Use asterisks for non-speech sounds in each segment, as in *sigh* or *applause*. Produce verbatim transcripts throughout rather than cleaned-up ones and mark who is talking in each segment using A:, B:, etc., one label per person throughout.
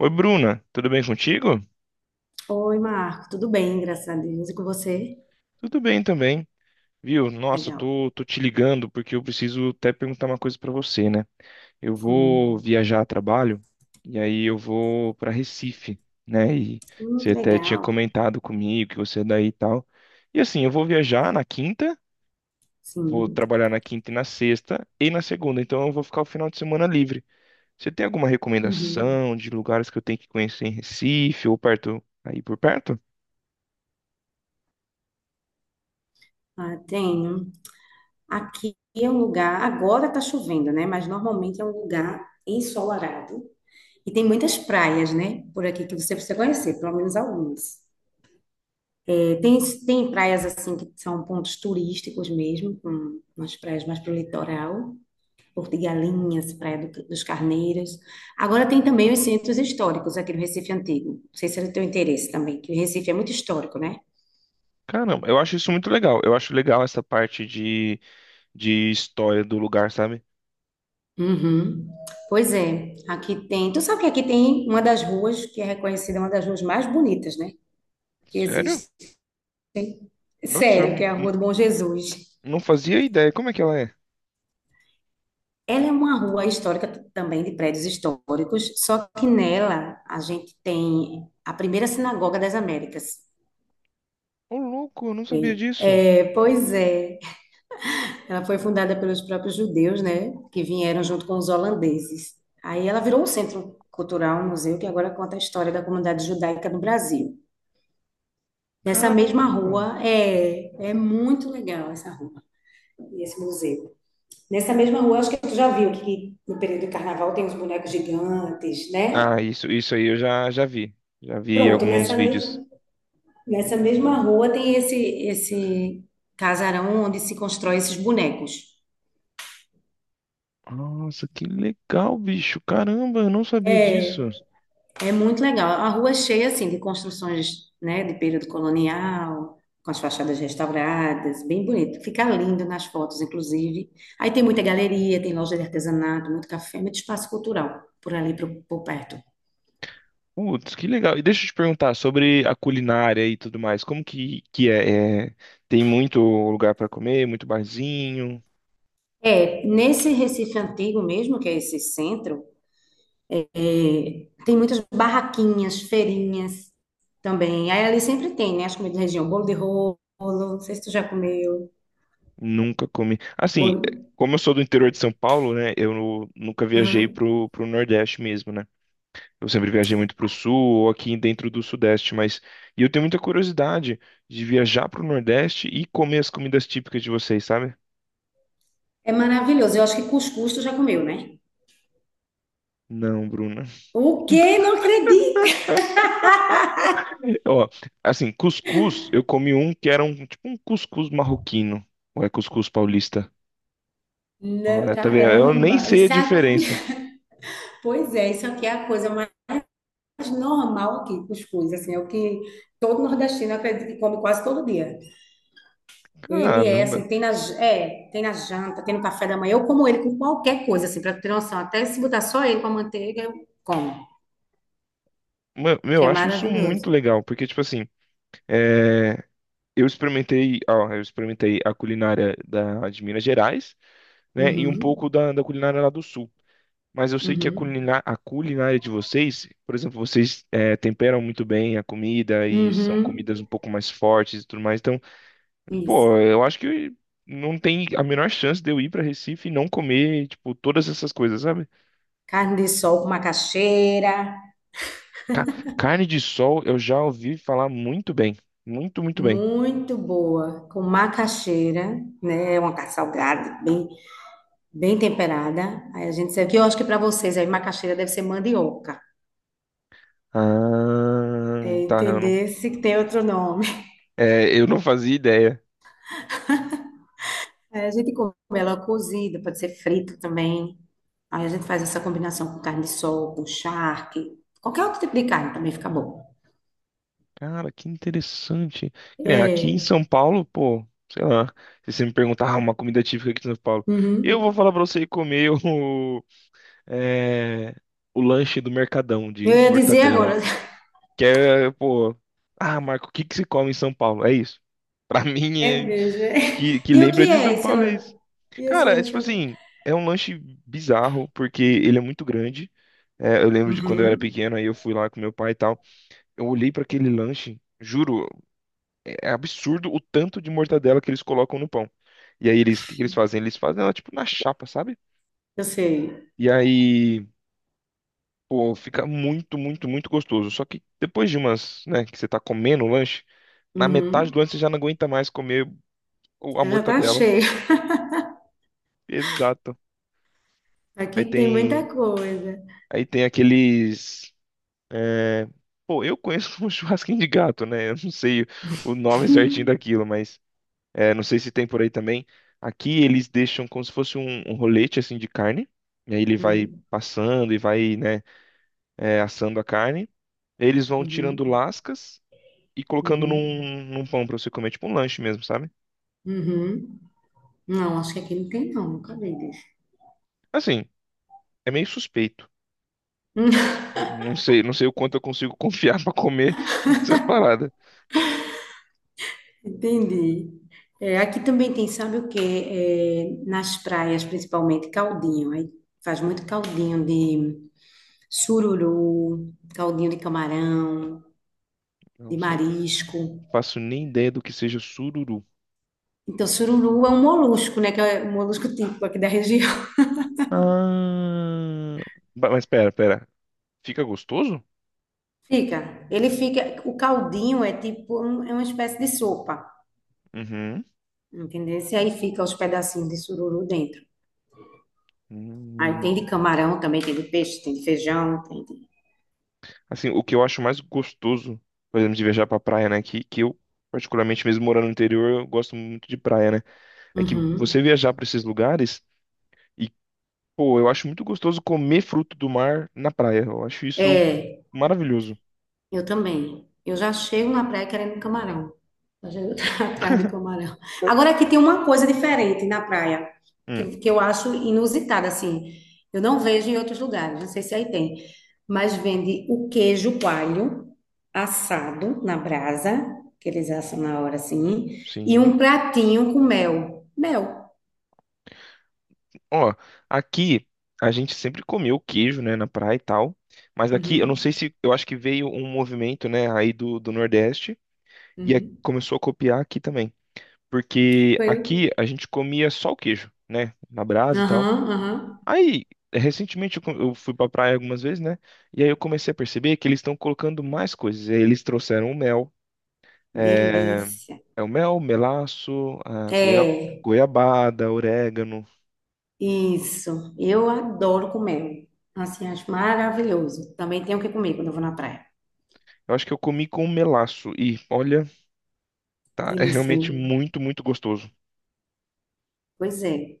A: Oi, Bruna, tudo bem contigo?
B: Oi, Marco, tudo bem, graças a Deus. E com você?
A: Tudo bem também, viu? Nossa,
B: Legal.
A: tô, tô te ligando porque eu preciso até perguntar uma coisa pra você, né? Eu vou
B: Sim.
A: viajar a trabalho e aí eu vou pra Recife, né? E
B: Hum,
A: você até tinha
B: legal.
A: comentado comigo que você é daí e tal. E assim, eu vou viajar na quinta, vou
B: Sim.
A: trabalhar na quinta e na sexta e na segunda, então eu vou ficar o final de semana livre. Você tem alguma
B: Uhum.
A: recomendação de lugares que eu tenho que conhecer em Recife ou perto, aí por perto?
B: Ah, tenho. Aqui é um lugar, agora tá chovendo, né? Mas normalmente é um lugar ensolarado. E tem muitas praias, né, por aqui que você precisa conhecer, pelo menos algumas. É, tem, tem praias assim que são pontos turísticos mesmo, com umas praias mais pro litoral. Porto de Galinhas, Praia do- dos Carneiros. Agora tem também os centros históricos aqui no Recife Antigo. Não sei se é do teu interesse também, que o Recife é muito histórico, né?
A: Caramba, eu acho isso muito legal. Eu acho legal essa parte de, de história do lugar, sabe?
B: Uhum. Pois é, aqui tem. Tu sabe que aqui tem uma das ruas que é reconhecida uma das ruas mais bonitas, né? Que
A: Sério?
B: existe.
A: Nossa, eu
B: Sério, que é
A: n-
B: a Rua do
A: n-
B: Bom Jesus.
A: não fazia ideia. Como é que ela é?
B: Ela é uma rua histórica t- também de prédios históricos, só que nela a gente tem a primeira sinagoga das Américas.
A: Ô, louco, eu não sabia
B: E-
A: disso.
B: é, Pois é. Ela foi fundada pelos próprios judeus, né, que vieram junto com os holandeses. Aí ela virou um centro cultural, um museu, que agora conta a história da comunidade judaica no Brasil. Nessa mesma
A: Caramba.
B: rua, é, é muito legal essa rua, esse museu. Nessa mesma rua, acho que tu já viu que no período do carnaval tem os bonecos gigantes, né?
A: Ah, isso, isso aí eu já, já vi. Já vi
B: Pronto,
A: alguns
B: nessa
A: vídeos.
B: mesma, nessa mesma rua tem esse, esse casarão onde se constrói esses bonecos.
A: Nossa, que legal, bicho. Caramba, eu não sabia disso.
B: É, É muito legal. A rua é cheia assim de construções, né, de período colonial, com as fachadas restauradas, bem bonito. Fica lindo nas fotos, inclusive. Aí tem muita galeria, tem loja de artesanato, muito café, muito espaço cultural por ali pro- por perto.
A: Putz, que legal. E deixa eu te perguntar sobre a culinária e tudo mais. Como que, que é? É, Tem muito lugar pra comer, muito barzinho.
B: É, nesse Recife antigo mesmo, que é esse centro, é, tem muitas barraquinhas, feirinhas também. Aí ali sempre tem, né, as comidas da região, bolo de rolo, não sei se tu já comeu.
A: Nunca comi. Assim, eh,
B: Bolo...
A: como eu sou do interior de São Paulo, né? Eu nu- nunca viajei
B: Aham.
A: pro, pro Nordeste mesmo, né? Eu sempre viajei muito pro Sul ou aqui dentro do Sudeste, mas... E eu tenho muita curiosidade de viajar pro Nordeste e comer as comidas típicas de vocês, sabe?
B: É maravilhoso. Eu acho que cuscuz tu já comeu, né?
A: Não, Bruna.
B: O quê? Não acredito!
A: *laughs* Ó, assim, cuscuz, eu comi um que era um tipo um cuscuz marroquino. Ou é cuscuz paulista?
B: Não,
A: Olha, tá vendo? Eu nem
B: caramba,
A: sei a
B: isso é aqui,
A: diferença.
B: *laughs* pois é, isso aqui é a coisa mais normal aqui, cuscuz, assim, é o que todo nordestino eu acredito que come quase todo dia. Ele é
A: Caramba.
B: assim, tem na, j- é, tem na janta, tem no café da manhã, eu como ele com qualquer coisa, assim, pra tu ter noção, até se botar só ele com a manteiga, eu como,
A: Mano, meu,
B: que
A: eu
B: é
A: acho isso muito
B: maravilhoso.
A: legal, porque, tipo assim, eh, Eu experimentei, ó, eu experimentei a culinária da, de Minas Gerais, né, e um pouco
B: Uhum,
A: da, da culinária lá do Sul. Mas eu sei que a,
B: uhum,
A: culina, a culinária de vocês, por exemplo, vocês eh, temperam muito bem a comida e são
B: uhum,
A: comidas um pouco mais fortes e tudo mais. Então,
B: isso.
A: pô, eu acho que não tem a menor chance de eu ir para Recife e não comer, tipo, todas essas coisas, sabe?
B: Carne de sol com macaxeira.
A: Ca- Carne de sol, eu já ouvi falar muito bem, muito, muito bem.
B: Muito boa, com macaxeira, né? É uma carne salgada, bem, bem temperada. Aí a gente serve, que eu acho que para vocês aí macaxeira deve ser mandioca. É
A: Ah, tá, eu não,
B: entender se tem outro nome. *laughs*
A: é, eu não fazia ideia.
B: Aí a gente come ela cozida, pode ser frita também. Aí a gente faz essa combinação com carne de sol, com charque, qualquer outro tipo de carne também fica bom.
A: Cara, que interessante. Que nem aqui em
B: É.
A: São Paulo, pô, sei lá, se você me perguntar ah, uma comida típica aqui de São Paulo, eu
B: Uhum.
A: vou falar pra você ir comer *laughs* o, é, o lanche do Mercadão
B: Eu
A: de
B: ia dizer
A: mortadela.
B: agora. *laughs*
A: Que é, pô, ah, Marco, o que que se come em São Paulo? É isso. Pra *laughs* mim,
B: É
A: é,
B: mesmo. É.
A: que, que
B: E o
A: lembra
B: que
A: de
B: é
A: São
B: esse
A: Paulo é
B: lanche?
A: isso.
B: E esse
A: Cara, é
B: lanche?
A: tipo
B: é o-
A: assim, é um lanche bizarro, porque ele é muito grande. É, eu lembro de quando eu era
B: Uhum.
A: pequeno, aí eu fui lá com meu pai e tal. Eu olhei pra aquele lanche, juro, é absurdo o tanto de mortadela que eles colocam no pão. E aí eles, o que que eles fazem? Eles fazem ela tipo na chapa, sabe?
B: Eu sei.
A: E aí, pô, fica muito, muito, muito gostoso. Só que depois de umas, né, que você tá comendo o lanche, na metade do
B: Uhum.
A: lanche você já não aguenta mais comer o- a
B: Eu já tá
A: mortadela.
B: cheio. *laughs*
A: Exato. Aí
B: Aqui tem muita
A: tem,
B: coisa.
A: aí tem aqueles, é, pô, eu conheço *laughs* um churrasquinho de gato, né? Eu não sei o nome certinho daquilo, mas É, não sei se tem por aí também. Aqui eles deixam como se fosse um, um rolete assim de carne. E aí ele vai
B: Uhum.
A: passando e vai, né, é, assando a carne. Eles vão tirando
B: Uhum.
A: lascas e colocando
B: Uhum.
A: num, num pão pra você comer, tipo um lanche mesmo, sabe?
B: Uhum. Não, acho que aqui não tem, não. Nunca vi disso.
A: Assim, é meio suspeito.
B: *laughs*
A: Não sei, não sei o quanto eu consigo confiar *laughs* pra comer essas paradas.
B: Entendi. É, aqui também tem, sabe o quê? É, nas praias, principalmente, caldinho. Aí faz muito caldinho de sururu, caldinho de camarão, de
A: Nossa, não
B: marisco.
A: faço nem ideia do que seja sururu.
B: Então, sururu é um molusco, né? Que é um molusco típico aqui da região.
A: Ah, ba- mas pera, pera. Fica gostoso?
B: Fica, ele fica, o caldinho é tipo, um- é uma espécie de sopa,
A: Uhum.
B: entendeu? E aí fica os pedacinhos de sururu dentro. Aí
A: Hum,
B: tem de camarão também, tem de peixe, tem de feijão, tem de...
A: Assim, o que eu acho mais gostoso, por exemplo, de viajar pra praia, né? Que, que eu, particularmente, mesmo morando no interior, eu gosto muito de praia, né? É que
B: Uhum.
A: você viajar pra esses lugares e, pô, eu acho muito gostoso comer fruto do mar na praia. Eu acho isso
B: É,
A: maravilhoso.
B: eu também. Eu já chego na praia querendo camarão. Já chego *laughs* atrás do camarão. Agora aqui tem uma coisa diferente na praia,
A: Hum,
B: que, que eu acho inusitada, assim. Eu não vejo em outros lugares, não sei se aí tem. Mas vende o queijo coalho assado na brasa, que eles assam na hora assim, e um
A: sim.
B: pratinho com mel. Mel.
A: Ó, aqui a gente sempre comeu queijo, né, na praia e tal. Mas aqui, eu não
B: Uhum,
A: sei se, eu acho que veio um movimento, né, aí do, do Nordeste e a-
B: uhum.
A: começou a copiar aqui também. Porque
B: Foi.
A: aqui a gente comia só o queijo, né, na brasa e tal.
B: Aham, aham.
A: Aí, recentemente eu co- eu fui pra praia algumas vezes, né? E aí eu comecei a perceber que eles estão colocando mais coisas. E aí eles trouxeram o mel, é,
B: Delícia.
A: é o mel, melaço, a goia-
B: É.
A: goiabada, orégano.
B: Isso, eu adoro comer. Assim, acho maravilhoso. Também tenho o que comer quando eu vou na praia.
A: Eu acho que eu comi com melaço e olha, tá, é
B: Delícia, né?
A: realmente muito, muito gostoso.
B: Pois é.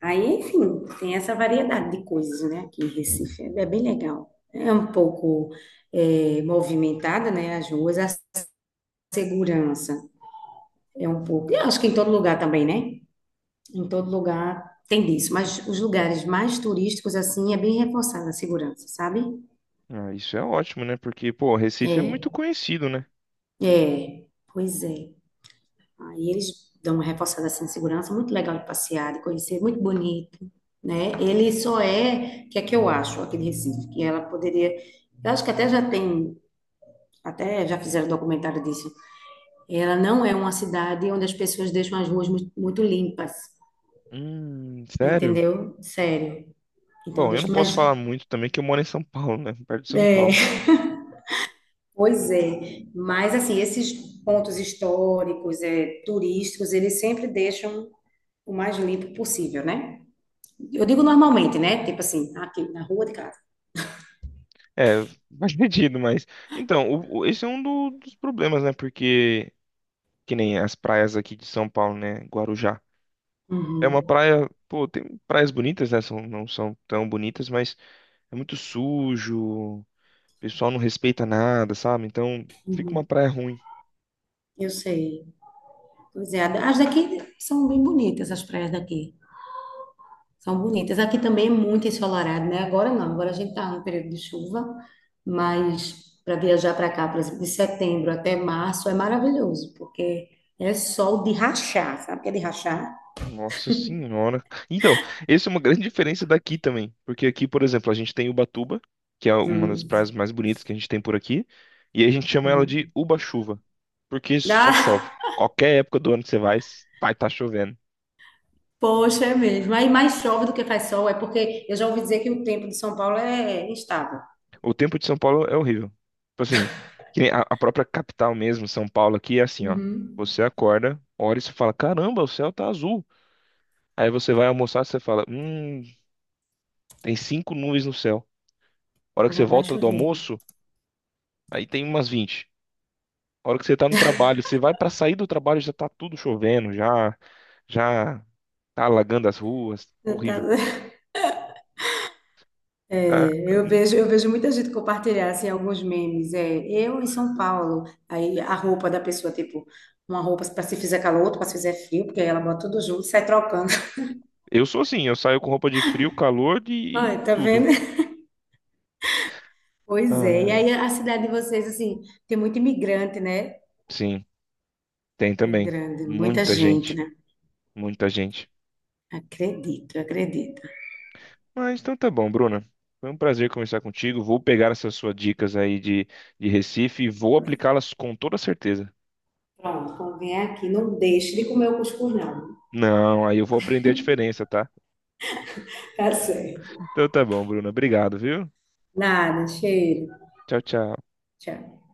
B: Aí, enfim, tem essa variedade de coisas, né? Aqui em Recife é bem legal. É um pouco é, movimentada, né? As ruas, a segurança é um pouco. Eu acho que em todo lugar também, né? Em todo lugar tem disso. Mas os lugares mais turísticos, assim, é bem reforçada a segurança, sabe?
A: Ah, isso é ótimo, né? Porque, pô, Recife é
B: É,
A: muito conhecido, né?
B: é. Pois é. Aí eles dão uma reforçada assim, de segurança, muito legal de passear, de conhecer, muito bonito, né? Ele só é, o que é que eu acho, aqui de Recife, que ela poderia, eu acho que até já tem, até já fizeram documentário disso, ela não é uma cidade onde as pessoas deixam as ruas mu- muito limpas,
A: Hum, sério?
B: entendeu? Sério. Então,
A: Bom, eu não
B: deixa
A: posso
B: mais,
A: falar muito também que eu moro em São Paulo, né? Perto de São
B: é,
A: Paulo.
B: *laughs* pois é, mas assim, esses pontos históricos, é, turísticos, eles sempre deixam o mais limpo possível, né? Eu digo normalmente, né? Tipo assim, aqui na rua de casa.
A: É, *laughs* faz sentido, mas. Então, o- o- esse é um do- dos problemas, né? Porque, que nem as praias aqui de São Paulo, né? Guarujá. É uma
B: Uhum,
A: praia. Pô, tem praias bonitas, né? São, não são tão bonitas, mas é muito sujo. O pessoal não respeita nada, sabe? Então, fica uma praia ruim.
B: eu sei. Pois é, as daqui são bem bonitas, as praias daqui. São bonitas. Aqui também é muito ensolarado, né? Agora não, agora a gente tá no período de chuva, mas para viajar para cá, por exemplo, de setembro até março é maravilhoso, porque é sol de rachar, sabe o que é de rachar?
A: Nossa senhora. Então, essa é uma grande diferença daqui também, porque aqui, por exemplo, a gente tem Ubatuba, que é uma das
B: Hum,
A: praias mais bonitas que a gente tem por aqui, e a gente chama ela de
B: uhum.
A: Uba-chuva, porque só chove.
B: Ah,
A: Qualquer época do ano que você vai, vai estar chovendo.
B: *laughs* poxa, é mesmo. Aí mais chove do que faz sol, é porque eu já ouvi dizer que o tempo de São Paulo é instável.
A: O tempo de São Paulo é horrível. Tipo assim, que nem a a própria capital mesmo, São Paulo aqui é assim, ó.
B: Uhum.
A: Você acorda, olha e você fala, caramba, o céu tá azul. Aí você vai almoçar, você fala, hum, tem cinco nuvens no céu. A hora que você
B: Já vai
A: volta do
B: chover.
A: almoço, aí tem umas vinte. A hora que você tá no trabalho, você vai pra sair do trabalho, já tá tudo chovendo, já já tá alagando as ruas,
B: Eu tá-
A: horrível.
B: *laughs*
A: Tá?
B: É, eu vejo, eu vejo muita gente compartilhar assim, alguns memes. É, eu em São Paulo, aí a roupa da pessoa, tipo, uma roupa para se fizer calor, outra para se fizer frio, porque aí ela bota tudo junto e sai trocando. *laughs*
A: Eu sou assim, eu saio com roupa de frio, calor
B: Ai,
A: e
B: tá
A: tudo.
B: vendo? Pois é. E
A: Ai.
B: aí a cidade de vocês, assim, tem muito imigrante, né?
A: Sim, tem
B: É
A: também.
B: grande, muita
A: Muita
B: gente,
A: gente,
B: né?
A: muita gente.
B: Acredito, acredito.
A: Mas então tá bom, Bruna. Foi um prazer conversar contigo. Vou pegar essas suas dicas aí de, de Recife e vou aplicá-las com toda certeza.
B: Pronto, quando vier aqui, não deixe de comer o cuscuz, não.
A: Não, aí eu vou aprender a diferença, tá?
B: Tá certo.
A: Então tá bom, Bruna. Obrigado, viu?
B: Nada, cheiro.
A: Tchau, tchau.
B: Tchau.